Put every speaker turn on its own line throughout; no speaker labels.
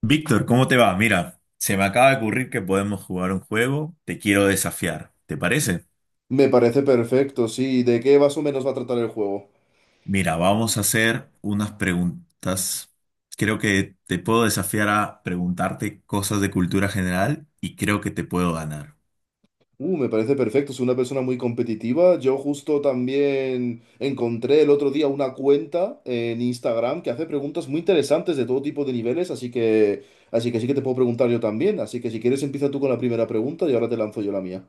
Víctor, ¿cómo te va? Mira, se me acaba de ocurrir que podemos jugar un juego. Te quiero desafiar, ¿te parece?
Me parece perfecto, sí. ¿De qué más o menos va a tratar el juego?
Mira, vamos a hacer unas preguntas. Creo que te puedo desafiar a preguntarte cosas de cultura general y creo que te puedo ganar.
Me parece perfecto. Soy una persona muy competitiva. Yo justo también encontré el otro día una cuenta en Instagram que hace preguntas muy interesantes de todo tipo de niveles, así que sí que te puedo preguntar yo también. Así que si quieres empieza tú con la primera pregunta y ahora te lanzo yo la mía.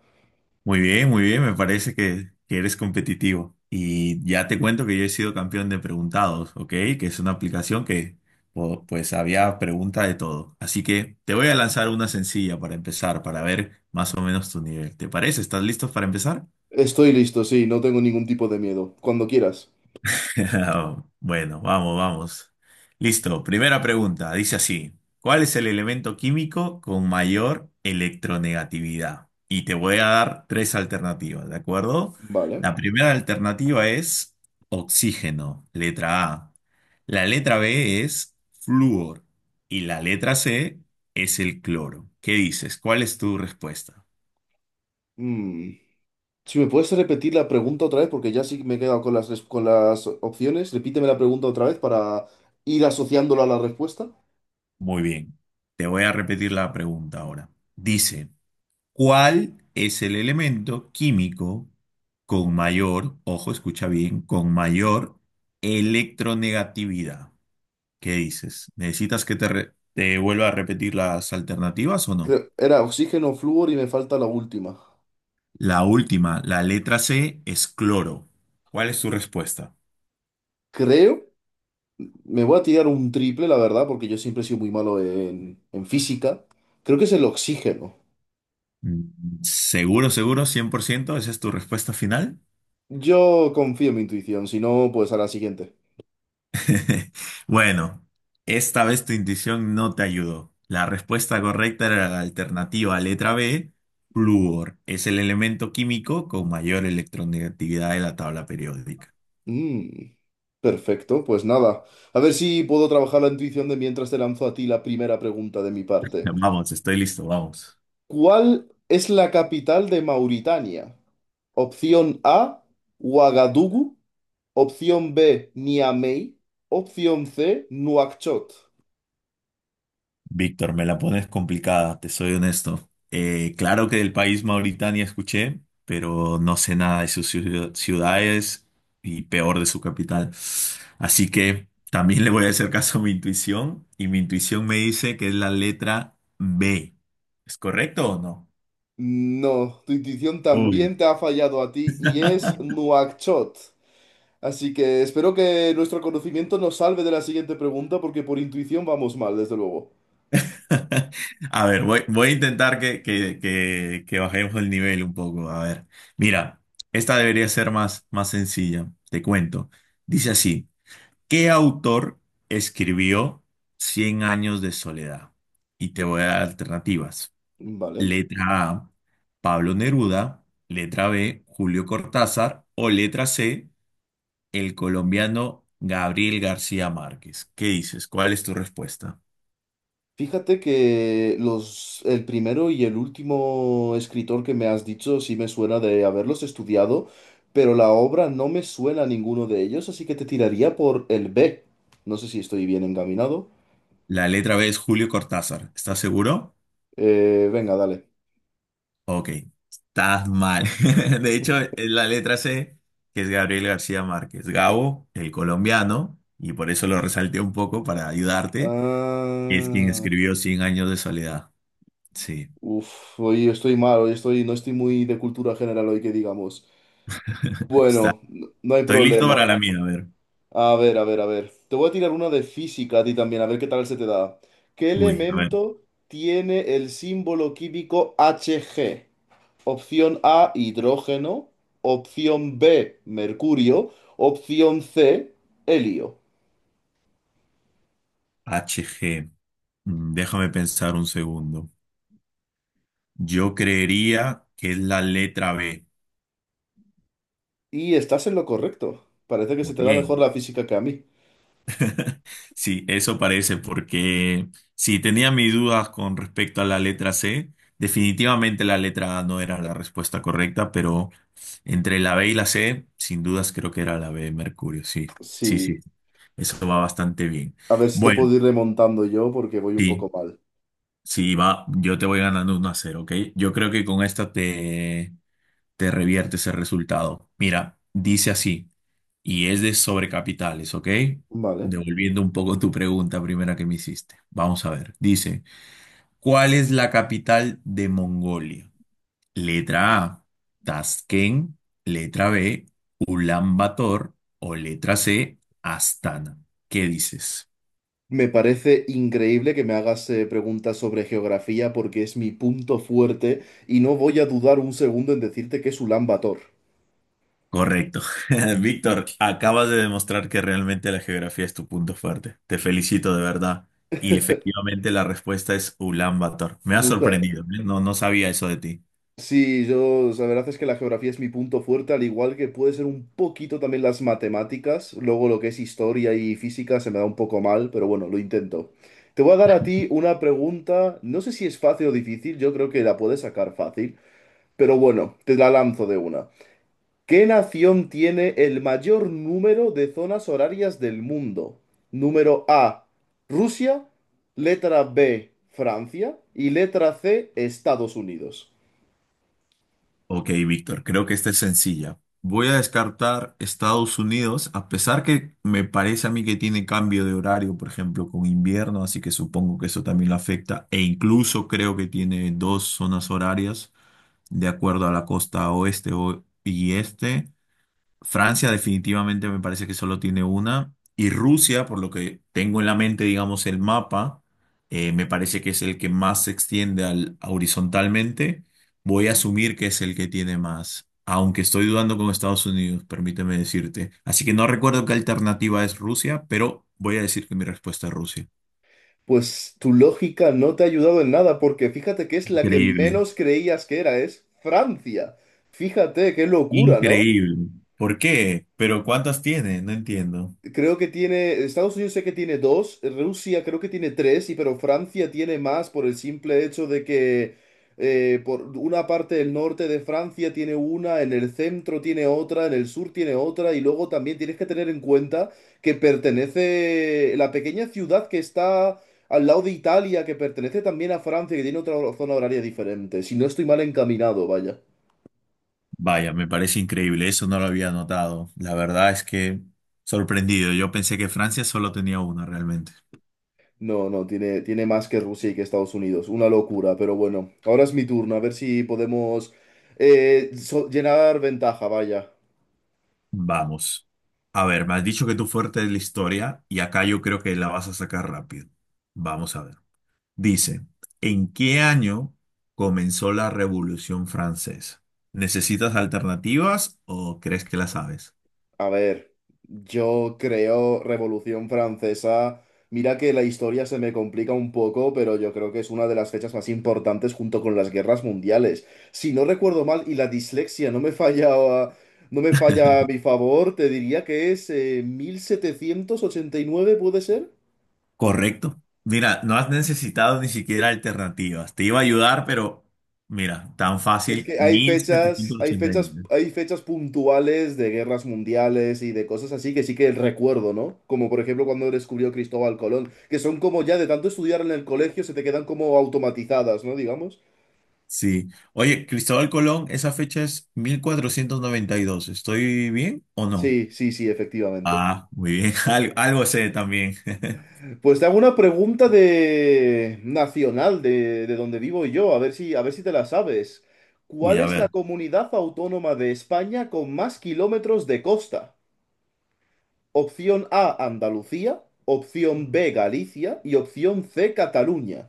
Muy bien, me parece que eres competitivo. Y ya te cuento que yo he sido campeón de Preguntados, ¿ok? Que es una aplicación que pues había pregunta de todo. Así que te voy a lanzar una sencilla para empezar, para ver más o menos tu nivel. ¿Te parece? ¿Estás listo para empezar?
Estoy listo, sí. No tengo ningún tipo de miedo. Cuando quieras.
Bueno, vamos, vamos. Listo, primera pregunta. Dice así, ¿cuál es el elemento químico con mayor electronegatividad? Y te voy a dar tres alternativas, ¿de acuerdo?
Vale.
La primera alternativa es oxígeno, letra A. La letra B es flúor y la letra C es el cloro. ¿Qué dices? ¿Cuál es tu respuesta?
Mm. Si me puedes repetir la pregunta otra vez, porque ya sí me he quedado con con las opciones. Repíteme la pregunta otra vez para ir asociándola a la respuesta.
Muy bien. Te voy a repetir la pregunta ahora. Dice, ¿cuál es el elemento químico con mayor, ojo, escucha bien, con mayor electronegatividad? ¿Qué dices? ¿Necesitas que te vuelva a repetir las alternativas o no?
Creo, era oxígeno, flúor y me falta la última.
La última, la letra C es cloro. ¿Cuál es tu respuesta?
Creo, me voy a tirar un triple, la verdad, porque yo siempre he sido muy malo en física. Creo que es el oxígeno.
¿Seguro, seguro, 100%, esa es tu respuesta final?
Yo confío en mi intuición, si no, pues a la siguiente.
Bueno, esta vez tu intuición no te ayudó. La respuesta correcta era la alternativa letra B, flúor. Es el elemento químico con mayor electronegatividad de la tabla periódica.
Mm, perfecto, pues nada. A ver si puedo trabajar la intuición de mientras te lanzo a ti la primera pregunta de mi parte.
Vamos, estoy listo, vamos.
¿Cuál es la capital de Mauritania? Opción A, Ouagadougou. Opción B, Niamey. Opción C, Nuakchot.
Víctor, me la pones complicada, te soy honesto. Claro que del país Mauritania escuché, pero no sé nada de sus ciudades y peor de su capital. Así que también le voy a hacer caso a mi intuición y mi intuición me dice que es la letra B. ¿Es correcto o no?
No, tu intuición
Uy.
también te ha fallado a ti y es Nuakchot. Así que espero que nuestro conocimiento nos salve de la siguiente pregunta porque por intuición vamos mal, desde luego.
A ver, voy a intentar que bajemos el nivel un poco. A ver, mira, esta debería ser más sencilla, te cuento. Dice así. ¿Qué autor escribió Cien años de soledad? Y te voy a dar alternativas.
Vale.
Letra A, Pablo Neruda. Letra B, Julio Cortázar. O letra C, el colombiano Gabriel García Márquez. ¿Qué dices? ¿Cuál es tu respuesta?
Fíjate que el primero y el último escritor que me has dicho sí me suena de haberlos estudiado, pero la obra no me suena a ninguno de ellos, así que te tiraría por el B. No sé si estoy bien encaminado.
La letra B es Julio Cortázar. ¿Estás seguro?
Venga, dale.
Ok, estás mal. De hecho, es la letra C, que es Gabriel García Márquez. Gabo, el colombiano, y por eso lo resalté un poco para ayudarte. Es quien
Ah,
escribió Cien años de soledad. Sí.
uf, hoy estoy mal, hoy estoy, no estoy muy de cultura general hoy que digamos.
Está.
Bueno, no hay
Estoy listo
problema.
para la mía. A ver.
A ver, a ver, a ver. Te voy a tirar una de física a ti también, a ver qué tal se te da. ¿Qué
Uy, a ver.
elemento tiene el símbolo químico Hg? Opción A, hidrógeno. Opción B, mercurio. Opción C, helio.
Hg. Déjame pensar un segundo. Yo creería que es la letra B.
Y estás en lo correcto. Parece que se
Muy
te da mejor
bien.
la física que a mí.
Sí, eso parece, porque si tenía mis dudas con respecto a la letra C, definitivamente la letra A no era la respuesta correcta, pero entre la B y la C, sin dudas creo que era la B de Mercurio, sí, sí, sí,
Sí.
eso va bastante bien.
A ver si te
Bueno,
puedo ir remontando yo porque voy un
sí,
poco mal.
sí, va, yo te voy ganando 1-0, ¿ok? Yo creo que con esta te revierte ese resultado. Mira, dice así y es de sobrecapitales, ¿ok?
Vale.
Devolviendo un poco tu pregunta primera que me hiciste. Vamos a ver. Dice, ¿cuál es la capital de Mongolia? Letra A, Tashkent. Letra B, Ulan Bator. O letra C, Astana. ¿Qué dices?
Me parece increíble que me hagas preguntas sobre geografía porque es mi punto fuerte y no voy a dudar un segundo en decirte que es Ulan Bator.
Correcto. Víctor, acabas de demostrar que realmente la geografía es tu punto fuerte. Te felicito de verdad. Y efectivamente la respuesta es Ulan Bator. Me ha
Mucha-
sorprendido, ¿eh? No, no sabía eso de ti.
Sí, yo, la verdad es que la geografía es mi punto fuerte, al igual que puede ser un poquito también las matemáticas. Luego lo que es historia y física se me da un poco mal, pero bueno, lo intento. Te voy a dar a ti una pregunta, no sé si es fácil o difícil, yo creo que la puedes sacar fácil, pero bueno, te la lanzo de una. ¿Qué nación tiene el mayor número de zonas horarias del mundo? Número A, Rusia, letra B, Francia y letra C, Estados Unidos.
Ok, Víctor, creo que esta es sencilla. Voy a descartar Estados Unidos, a pesar que me parece a mí que tiene cambio de horario, por ejemplo, con invierno, así que supongo que eso también lo afecta, e incluso creo que tiene dos zonas horarias de acuerdo a la costa oeste y este. Francia definitivamente me parece que solo tiene una. Y Rusia, por lo que tengo en la mente, digamos, el mapa, me parece que es el que más se extiende horizontalmente. Voy a asumir que es el que tiene más, aunque estoy dudando con Estados Unidos, permíteme decirte. Así que no recuerdo qué alternativa es Rusia, pero voy a decir que mi respuesta es Rusia.
Pues tu lógica no te ha ayudado en nada porque fíjate que es la que
Increíble,
menos creías que era, es Francia. Fíjate, qué locura, ¿no?
increíble. ¿Por qué? ¿Pero cuántas tiene? No entiendo.
Creo que tiene, Estados Unidos sé que tiene dos, Rusia creo que tiene tres, y pero Francia tiene más por el simple hecho de que por una parte del norte de Francia tiene una, en el centro tiene otra, en el sur tiene otra, y luego también tienes que tener en cuenta que pertenece la pequeña ciudad que está al lado de Italia, que pertenece también a Francia, que tiene otra zona horaria diferente. Si no estoy mal encaminado, vaya.
Vaya, me parece increíble, eso no lo había notado. La verdad es que sorprendido, yo pensé que Francia solo tenía una realmente.
No, no, tiene más que Rusia y que Estados Unidos. Una locura, pero bueno. Ahora es mi turno, a ver si podemos llenar ventaja, vaya.
Vamos. A ver, me has dicho que tu fuerte es la historia y acá yo creo que la vas a sacar rápido. Vamos a ver. Dice, ¿en qué año comenzó la Revolución Francesa? ¿Necesitas alternativas o crees que la sabes?
A ver, yo creo Revolución Francesa. Mira que la historia se me complica un poco, pero yo creo que es una de las fechas más importantes junto con las guerras mundiales. Si no recuerdo mal y la dislexia no me falla, no me falla a mi favor, te diría que es 1789, ¿puede ser?
Correcto. Mira, no has necesitado ni siquiera alternativas. Te iba a ayudar, pero mira, tan
Es
fácil,
que hay
mil
fechas,
setecientos
hay
ochenta y
fechas,
nueve.
hay fechas puntuales de guerras mundiales y de cosas así que sí que recuerdo, ¿no? Como por ejemplo cuando descubrió Cristóbal Colón, que son como ya de tanto estudiar en el colegio se te quedan como automatizadas, ¿no? Digamos.
Sí. Oye, Cristóbal Colón, esa fecha es 1492. ¿Estoy bien o no?
Sí, sí, sí, efectivamente.
Ah, muy bien. Algo sé también.
Pues te hago una pregunta de nacional de donde vivo yo, a ver si te la sabes.
Uy,
¿Cuál
a
es la
ver,
comunidad autónoma de España con más kilómetros de costa? Opción A, Andalucía. Opción B, Galicia. Y opción C, Cataluña.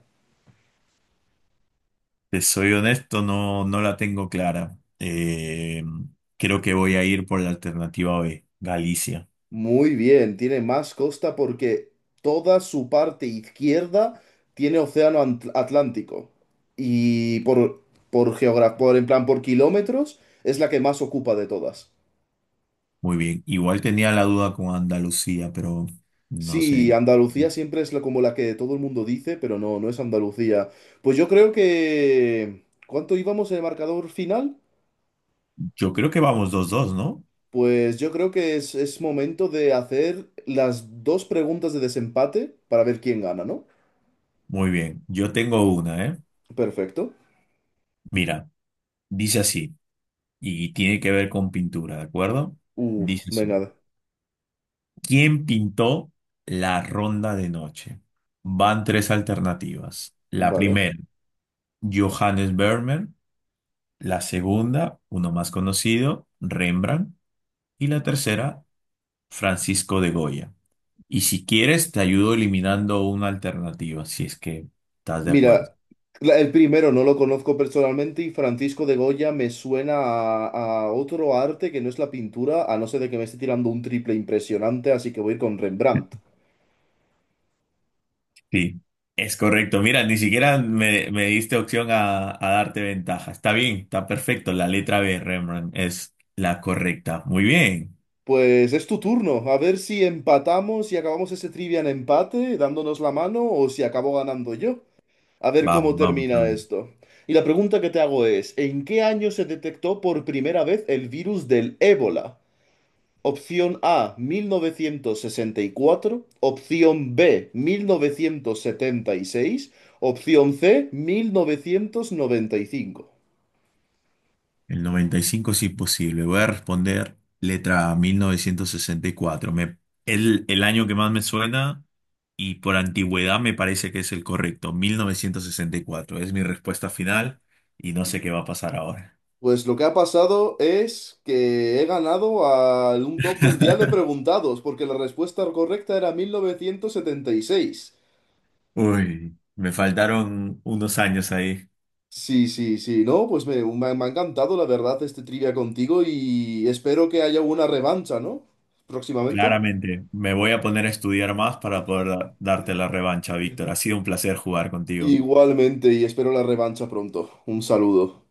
te soy honesto, no, no la tengo clara. Creo que voy a ir por la alternativa B, Galicia.
Muy bien, tiene más costa porque toda su parte izquierda tiene océano Atlántico. Y por, en plan, por kilómetros, es la que más ocupa de todas.
Muy bien. Igual tenía la duda con Andalucía, pero no sé.
Sí, Andalucía siempre es la, como la que todo el mundo dice, pero no, no es Andalucía. Pues yo creo que... ¿Cuánto íbamos en el marcador final?
Yo creo que vamos 2-2, ¿no?
Pues yo creo que es momento de hacer las dos preguntas de desempate para ver quién gana, ¿no?
Muy bien, yo tengo una, ¿eh?
Perfecto.
Mira, dice así, y tiene que ver con pintura, ¿de acuerdo? Dice así,
Venga,
¿quién pintó La ronda de noche? Van tres alternativas. La
vale.
primera, Johannes Vermeer. La segunda, uno más conocido, Rembrandt. Y la tercera, Francisco de Goya. Y si quieres, te ayudo eliminando una alternativa, si es que estás de
Mira,
acuerdo.
el primero no lo conozco personalmente y Francisco de Goya me suena a otro arte que no es la pintura, a no ser de que me esté tirando un triple impresionante, así que voy a ir con Rembrandt.
Sí, es correcto. Mira, ni siquiera me diste opción a darte ventaja. Está bien, está perfecto. La letra B, Rembrandt, es la correcta. Muy bien.
Pues es tu turno, a ver si empatamos y acabamos ese trivia en empate, dándonos la mano, o si acabo ganando yo. A ver cómo
Vamos, vamos.
termina
Vamos.
esto. Y la pregunta que te hago es, ¿en qué año se detectó por primera vez el virus del ébola? Opción A, 1964, opción B, 1976, opción C, 1995.
El 95 es imposible. Voy a responder letra A, 1964. El año que más me suena y por antigüedad me parece que es el correcto. 1964 es mi respuesta final y no sé qué va a pasar ahora.
Pues lo que ha pasado es que he ganado a un top mundial de preguntados, porque la respuesta correcta era 1976.
Uy, me faltaron unos años ahí.
Sí, sí, sí, no, pues me, me ha encantado la verdad este trivia contigo y espero que haya una revancha, ¿no? Próximamente.
Claramente, me voy a poner a estudiar más para poder darte la revancha, Víctor. Ha sido un placer jugar contigo.
Igualmente, y espero la revancha pronto. Un saludo.